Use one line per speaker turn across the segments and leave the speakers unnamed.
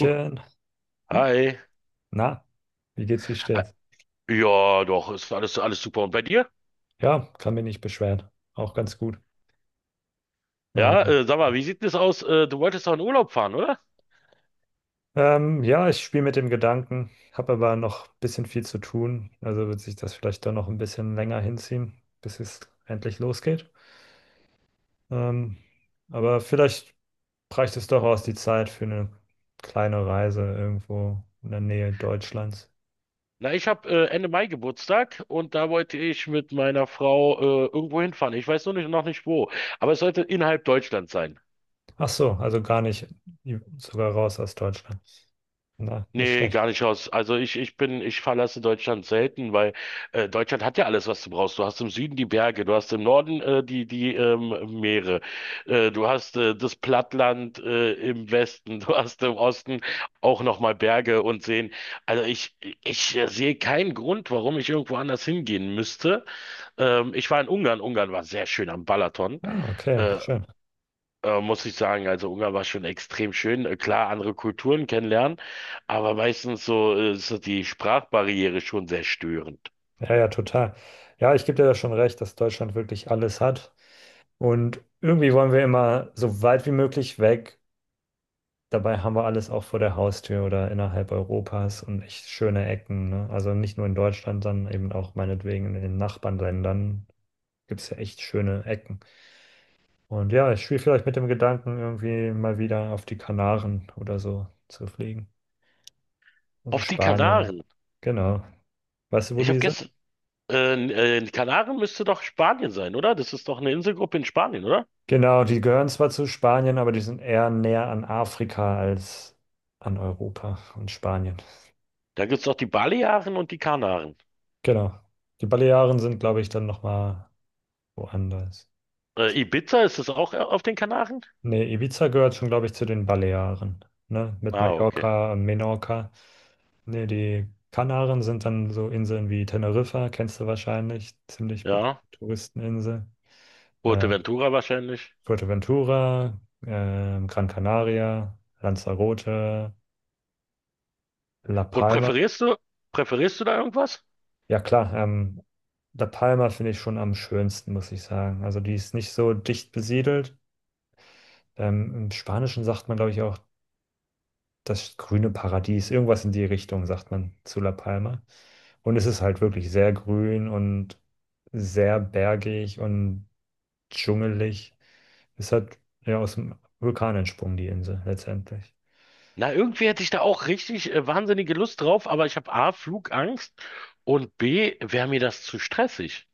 Huh,
Uh,
hi.
Na, wie geht's, wie
Ah,
steht's?
Ja, doch, ist alles super. Und bei dir?
Ja, kann mich nicht beschweren. Auch ganz gut.
Ja,
Ähm,
sag mal, wie sieht denn das aus? Du wolltest doch in Urlaub fahren, oder?
ja, ich spiele mit dem Gedanken, habe aber noch ein bisschen viel zu tun. Also wird sich das vielleicht dann noch ein bisschen länger hinziehen, bis es endlich losgeht. Ähm, aber vielleicht reicht es doch aus die Zeit für eine kleine Reise irgendwo in der Nähe Deutschlands.
Na, ich habe Ende Mai Geburtstag und da wollte ich mit meiner Frau irgendwo hinfahren. Ich weiß nur nicht, noch nicht wo. Aber es sollte innerhalb Deutschland sein.
Ach so, also gar nicht, sogar raus aus Deutschland. Na, nicht
Nee,
schlecht.
gar nicht aus. Also ich verlasse Deutschland selten, weil Deutschland hat ja alles, was du brauchst. Du hast im Süden die Berge, du hast im Norden die Meere, du hast das Plattland im Westen, du hast im Osten auch nochmal Berge und Seen. Also ich sehe keinen Grund, warum ich irgendwo anders hingehen müsste. Ich war in Ungarn. Ungarn war sehr schön am Balaton.
Ah, okay, wie
Äh,
schön.
Muss ich sagen, also Ungarn war schon extrem schön. Klar, andere Kulturen kennenlernen, aber meistens so ist so die Sprachbarriere schon sehr störend.
Ja, ja, total. Ja, ich gebe dir da schon recht, dass Deutschland wirklich alles hat. Und irgendwie wollen wir immer so weit wie möglich weg. Dabei haben wir alles auch vor der Haustür oder innerhalb Europas und echt schöne Ecken. Ne? Also nicht nur in Deutschland, sondern eben auch meinetwegen in den Nachbarländern gibt es ja echt schöne Ecken. Und ja, ich spiele vielleicht mit dem Gedanken, irgendwie mal wieder auf die Kanaren oder so zu fliegen. Also
Auf die
Spanien.
Kanaren.
Genau. Weißt du, wo
Ich habe
die sind?
gestern, Die Kanaren müsste doch Spanien sein, oder? Das ist doch eine Inselgruppe in Spanien, oder?
Genau, die gehören zwar zu Spanien, aber die sind eher näher an Afrika als an Europa und Spanien.
Da gibt's doch die Balearen und die Kanaren.
Genau. Die Balearen sind, glaube ich, dann nochmal woanders.
Ibiza, ist das auch auf den Kanaren?
Nee, Ibiza gehört schon, glaube ich, zu den Balearen, ne? Mit
Ah, okay.
Mallorca und Menorca. Nee, die Kanaren sind dann so Inseln wie Teneriffa, kennst du wahrscheinlich, ziemlich bekannte
Ja.
Touristeninsel. Äh,
Fuerteventura wahrscheinlich.
Fuerteventura, Gran Canaria, Lanzarote, La
Und
Palma.
präferierst du da irgendwas?
Ja, klar. La Palma finde ich schon am schönsten, muss ich sagen. Also die ist nicht so dicht besiedelt. Im Spanischen sagt man, glaube ich, auch das grüne Paradies. Irgendwas in die Richtung sagt man zu La Palma. Und es ist halt wirklich sehr grün und sehr bergig und dschungelig. Es hat ja aus dem Vulkan entsprungen, die Insel, letztendlich.
Na, irgendwie hätte ich da auch richtig wahnsinnige Lust drauf, aber ich habe A, Flugangst und B, wäre mir das zu stressig.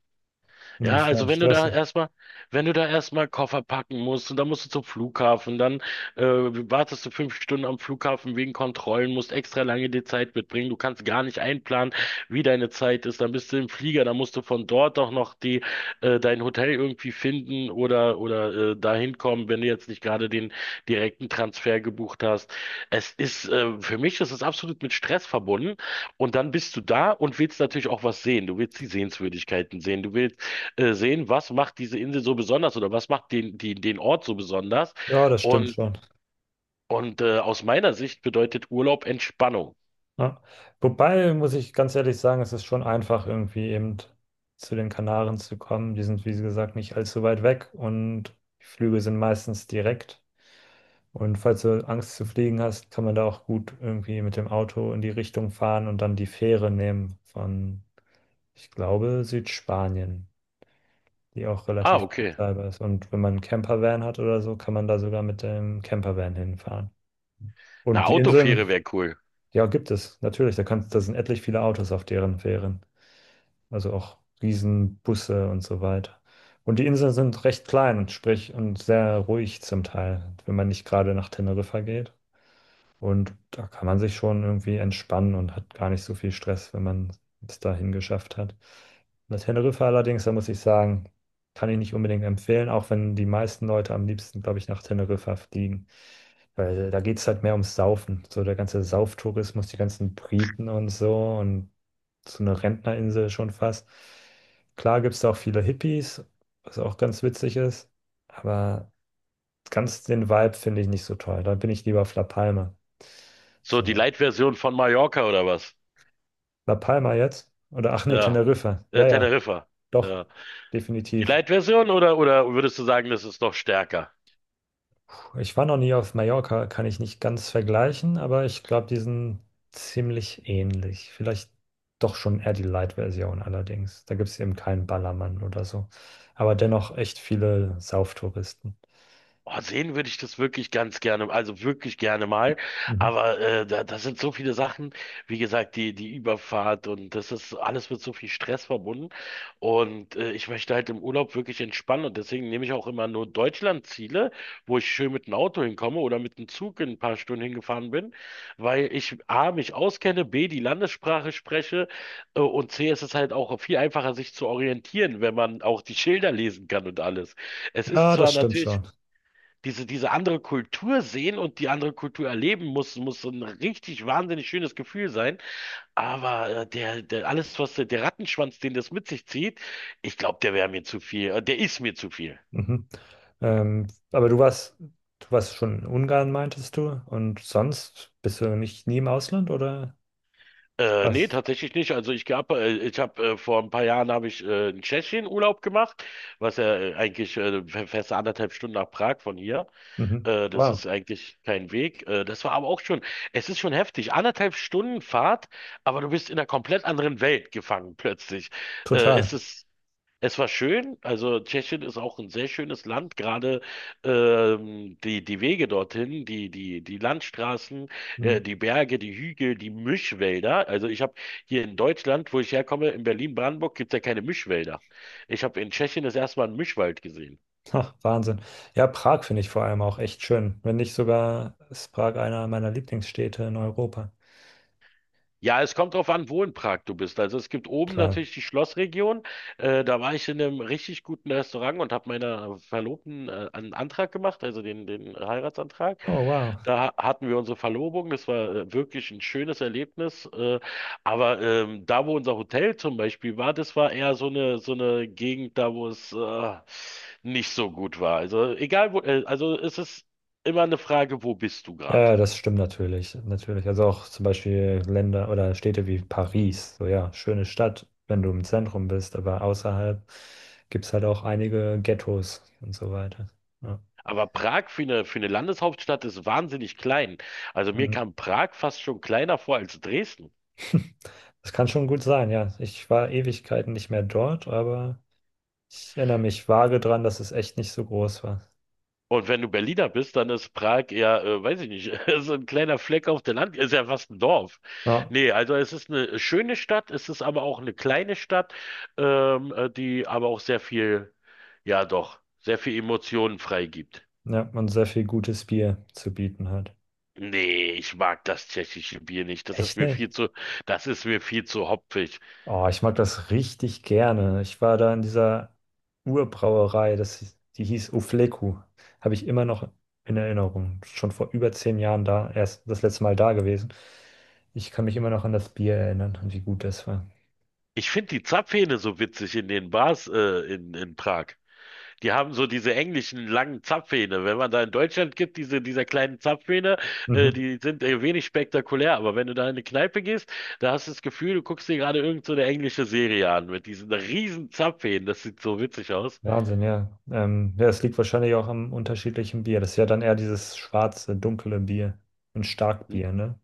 Ja,
Inwiefern
also wenn du da
stressig.
erstmal, wenn du da erstmal Koffer packen musst und dann musst du zum Flughafen, dann wartest du 5 Stunden am Flughafen wegen Kontrollen, musst extra lange die Zeit mitbringen, du kannst gar nicht einplanen, wie deine Zeit ist, dann bist du im Flieger, dann musst du von dort auch noch die dein Hotel irgendwie finden oder dahin kommen, wenn du jetzt nicht gerade den direkten Transfer gebucht hast. Es ist Für mich ist es absolut mit Stress verbunden und dann bist du da und willst natürlich auch was sehen. Du willst die Sehenswürdigkeiten sehen, du willst sehen, was macht diese Insel so besonders oder was macht den Ort so besonders.
Ja, das stimmt
Und,
schon.
und aus meiner Sicht bedeutet Urlaub Entspannung.
Ja. Wobei, muss ich ganz ehrlich sagen, es ist schon einfach, irgendwie eben zu den Kanaren zu kommen. Die sind, wie gesagt, nicht allzu weit weg und die Flüge sind meistens direkt. Und falls du Angst zu fliegen hast, kann man da auch gut irgendwie mit dem Auto in die Richtung fahren und dann die Fähre nehmen von, ich glaube, Südspanien, die auch
Ah,
relativ
okay.
bezahlbar ist. Und wenn man einen Campervan hat oder so, kann man da sogar mit dem Campervan hinfahren.
Eine
Und die Inseln,
Autofähre wäre cool.
ja, gibt es natürlich. Da sind etlich viele Autos auf deren Fähren. Also auch Riesenbusse und so weiter. Und die Inseln sind recht klein sprich und sehr ruhig zum Teil, wenn man nicht gerade nach Teneriffa geht. Und da kann man sich schon irgendwie entspannen und hat gar nicht so viel Stress, wenn man es dahin geschafft hat. Na, Teneriffa allerdings, da muss ich sagen, kann ich nicht unbedingt empfehlen, auch wenn die meisten Leute am liebsten, glaube ich, nach Teneriffa fliegen. Weil da geht es halt mehr ums Saufen. So der ganze Sauftourismus, die ganzen Briten und so eine Rentnerinsel schon fast. Klar gibt es da auch viele Hippies, was auch ganz witzig ist, aber ganz den Vibe finde ich nicht so toll. Da bin ich lieber auf La Palma.
So die
So.
Light-Version von Mallorca oder was?
La Palma jetzt? Oder ach nee,
Ja,
Teneriffa. Ja, ja,
Teneriffa.
doch,
Ja. Die
definitiv.
Light-Version oder würdest du sagen, das ist noch stärker?
Puh, ich war noch nie auf Mallorca, kann ich nicht ganz vergleichen, aber ich glaube, die sind ziemlich ähnlich. Vielleicht doch schon eher die Light-Version allerdings. Da gibt es eben keinen Ballermann oder so. Aber dennoch echt viele Sauftouristen.
Oh, sehen würde ich das wirklich ganz gerne, also wirklich gerne mal.
Mhm.
Aber da, das sind so viele Sachen, wie gesagt, die Überfahrt und das ist alles mit so viel Stress verbunden. Und ich möchte halt im Urlaub wirklich entspannen und deswegen nehme ich auch immer nur Deutschlandziele, wo ich schön mit dem Auto hinkomme oder mit dem Zug in ein paar Stunden hingefahren bin, weil ich A, mich auskenne, B, die Landessprache spreche und C, es ist halt auch viel einfacher, sich zu orientieren, wenn man auch die Schilder lesen kann und alles. Es ist
Ja,
zwar
das stimmt
natürlich
schon.
diese andere Kultur sehen und die andere Kultur erleben muss so ein richtig wahnsinnig schönes Gefühl sein. Aber alles, was der Rattenschwanz, den das mit sich zieht, ich glaube, der wäre mir zu viel. Der ist mir zu viel.
Mhm. Aber du warst schon in Ungarn, meintest du? Und sonst bist du nicht nie im Ausland oder
Nee,
was?
tatsächlich nicht. Also ich gab, ich habe vor ein paar Jahren habe ich in Tschechien Urlaub gemacht, was ja eigentlich fast anderthalb Stunden nach Prag von hier.
Mhm.
Das
Wow,
ist eigentlich kein Weg. Das war aber auch schon, es ist schon heftig. Anderthalb Stunden Fahrt, aber du bist in einer komplett anderen Welt gefangen plötzlich. Äh,
total.
es ist Es war schön, also Tschechien ist auch ein sehr schönes Land, gerade die Wege dorthin, die Landstraßen,
Mhm.
die Berge, die Hügel, die Mischwälder. Also ich habe hier in Deutschland, wo ich herkomme, in Berlin-Brandenburg, gibt es ja keine Mischwälder. Ich habe in Tschechien das erste Mal einen Mischwald gesehen.
Ach, Wahnsinn. Ja, Prag finde ich vor allem auch echt schön. Wenn nicht sogar ist Prag einer meiner Lieblingsstädte in Europa.
Ja, es kommt drauf an, wo in Prag du bist. Also es gibt oben
Klar.
natürlich die Schlossregion. Da war ich in einem richtig guten Restaurant und habe meiner Verlobten einen Antrag gemacht, also den Heiratsantrag.
Oh, wow.
Da hatten wir unsere Verlobung. Das war wirklich ein schönes Erlebnis. Aber da, wo unser Hotel zum Beispiel war, das war eher so eine Gegend, da wo es nicht so gut war. Also egal wo, also es ist immer eine Frage, wo bist du gerade?
Ja, das stimmt natürlich, natürlich. Also auch zum Beispiel Länder oder Städte wie Paris. So ja, schöne Stadt, wenn du im Zentrum bist, aber außerhalb gibt es halt auch einige Ghettos und so weiter. Ja.
Aber Prag für eine Landeshauptstadt ist wahnsinnig klein. Also mir
Mhm.
kam Prag fast schon kleiner vor als Dresden.
Das kann schon gut sein, ja. Ich war Ewigkeiten nicht mehr dort, aber ich erinnere mich vage dran, dass es echt nicht so groß war.
Und wenn du Berliner bist, dann ist Prag eher, weiß ich nicht, so ein kleiner Fleck auf der Land, ist ja fast ein Dorf.
Ja,
Nee, also es ist eine schöne Stadt, es ist aber auch eine kleine Stadt, die aber auch sehr viel, ja doch, sehr viel Emotionen freigibt.
ja, und sehr viel gutes Bier zu bieten hat.
Nee, ich mag das tschechische Bier nicht. Das ist
Echt
mir
nicht?
viel zu, das ist mir viel zu hopfig.
Oh, ich mag das richtig gerne. Ich war da in dieser Urbrauerei, die hieß Ufleku. Habe ich immer noch in Erinnerung. Schon vor über 10 Jahren da, erst das letzte Mal da gewesen. Ich kann mich immer noch an das Bier erinnern und wie gut das war.
Ich finde die Zapfhähne so witzig in den Bars in Prag. Die haben so diese englischen langen Zapfhähne. Wenn man da in Deutschland gibt, diese dieser kleinen Zapfhähne,
Mhm.
die sind wenig spektakulär. Aber wenn du da in eine Kneipe gehst, da hast du das Gefühl, du guckst dir gerade irgend so eine englische Serie an mit diesen riesen Zapfhähnen. Das sieht so witzig aus.
Wahnsinn, ja. Ja, es liegt wahrscheinlich auch am unterschiedlichen Bier. Das ist ja dann eher dieses schwarze, dunkle Bier. Ein
N-
Starkbier, ne?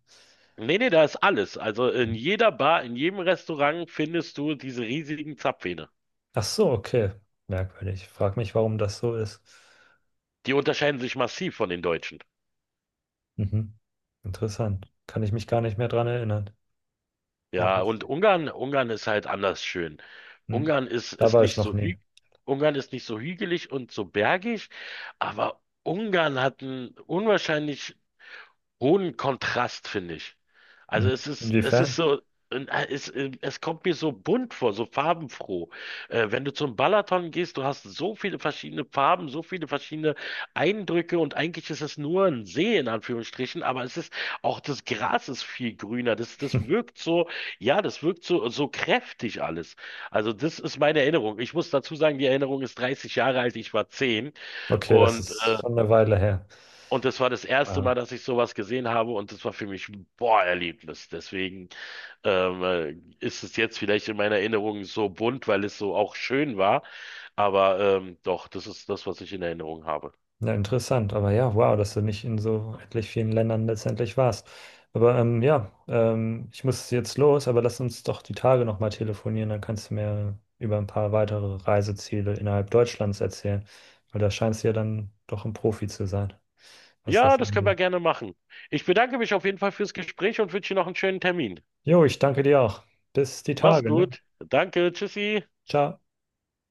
Nee, nee, da ist alles. Also in
Mhm.
jeder Bar, in jedem Restaurant findest du diese riesigen Zapfhähne.
Ach so, okay. Merkwürdig. Frag mich, warum das so ist.
Die unterscheiden sich massiv von den Deutschen.
Mhm. Interessant. Kann ich mich gar nicht mehr dran erinnern. Ja,
Ja, und
witzig.
Ungarn, Ungarn ist halt anders schön.
Hm.
Ungarn ist,
Da
ist
war ich
nicht
noch
so
nie.
hü Ungarn ist nicht so hügelig und so bergig, aber Ungarn hat einen unwahrscheinlich hohen Kontrast, finde ich. Also
Mhm.
es ist
Inwiefern?
so, und, es kommt mir so bunt vor, so farbenfroh. Wenn du zum Balaton gehst, du hast so viele verschiedene Farben, so viele verschiedene Eindrücke und eigentlich ist es nur ein See in Anführungsstrichen, aber es ist auch das Gras ist viel grüner. Das wirkt so, ja, das wirkt so, so kräftig alles. Also das ist meine Erinnerung. Ich muss dazu sagen, die Erinnerung ist 30 Jahre alt, ich war 10
Okay, das
und
ist
äh,
schon eine Weile her.
und das war das erste
Ah,
Mal, dass ich sowas gesehen habe und das war für mich ein Boah-Erlebnis. Deswegen ähm, ist es jetzt vielleicht in meiner Erinnerung so bunt, weil es so auch schön war. Aber doch, das ist das, was ich in Erinnerung habe.
ja, interessant. Aber ja, wow, dass du nicht in so etlich vielen Ländern letztendlich warst. Aber ja, ich muss jetzt los, aber lass uns doch die Tage nochmal telefonieren. Dann kannst du mir über ein paar weitere Reiseziele innerhalb Deutschlands erzählen. Weil da scheinst du ja dann doch ein Profi zu sein, was
Ja,
das
das können wir
angeht.
gerne machen. Ich bedanke mich auf jeden Fall fürs Gespräch und wünsche dir noch einen schönen Termin.
Jo, ich danke dir auch. Bis die
Mach's
Tage, ne?
gut. Danke. Tschüssi.
Ciao.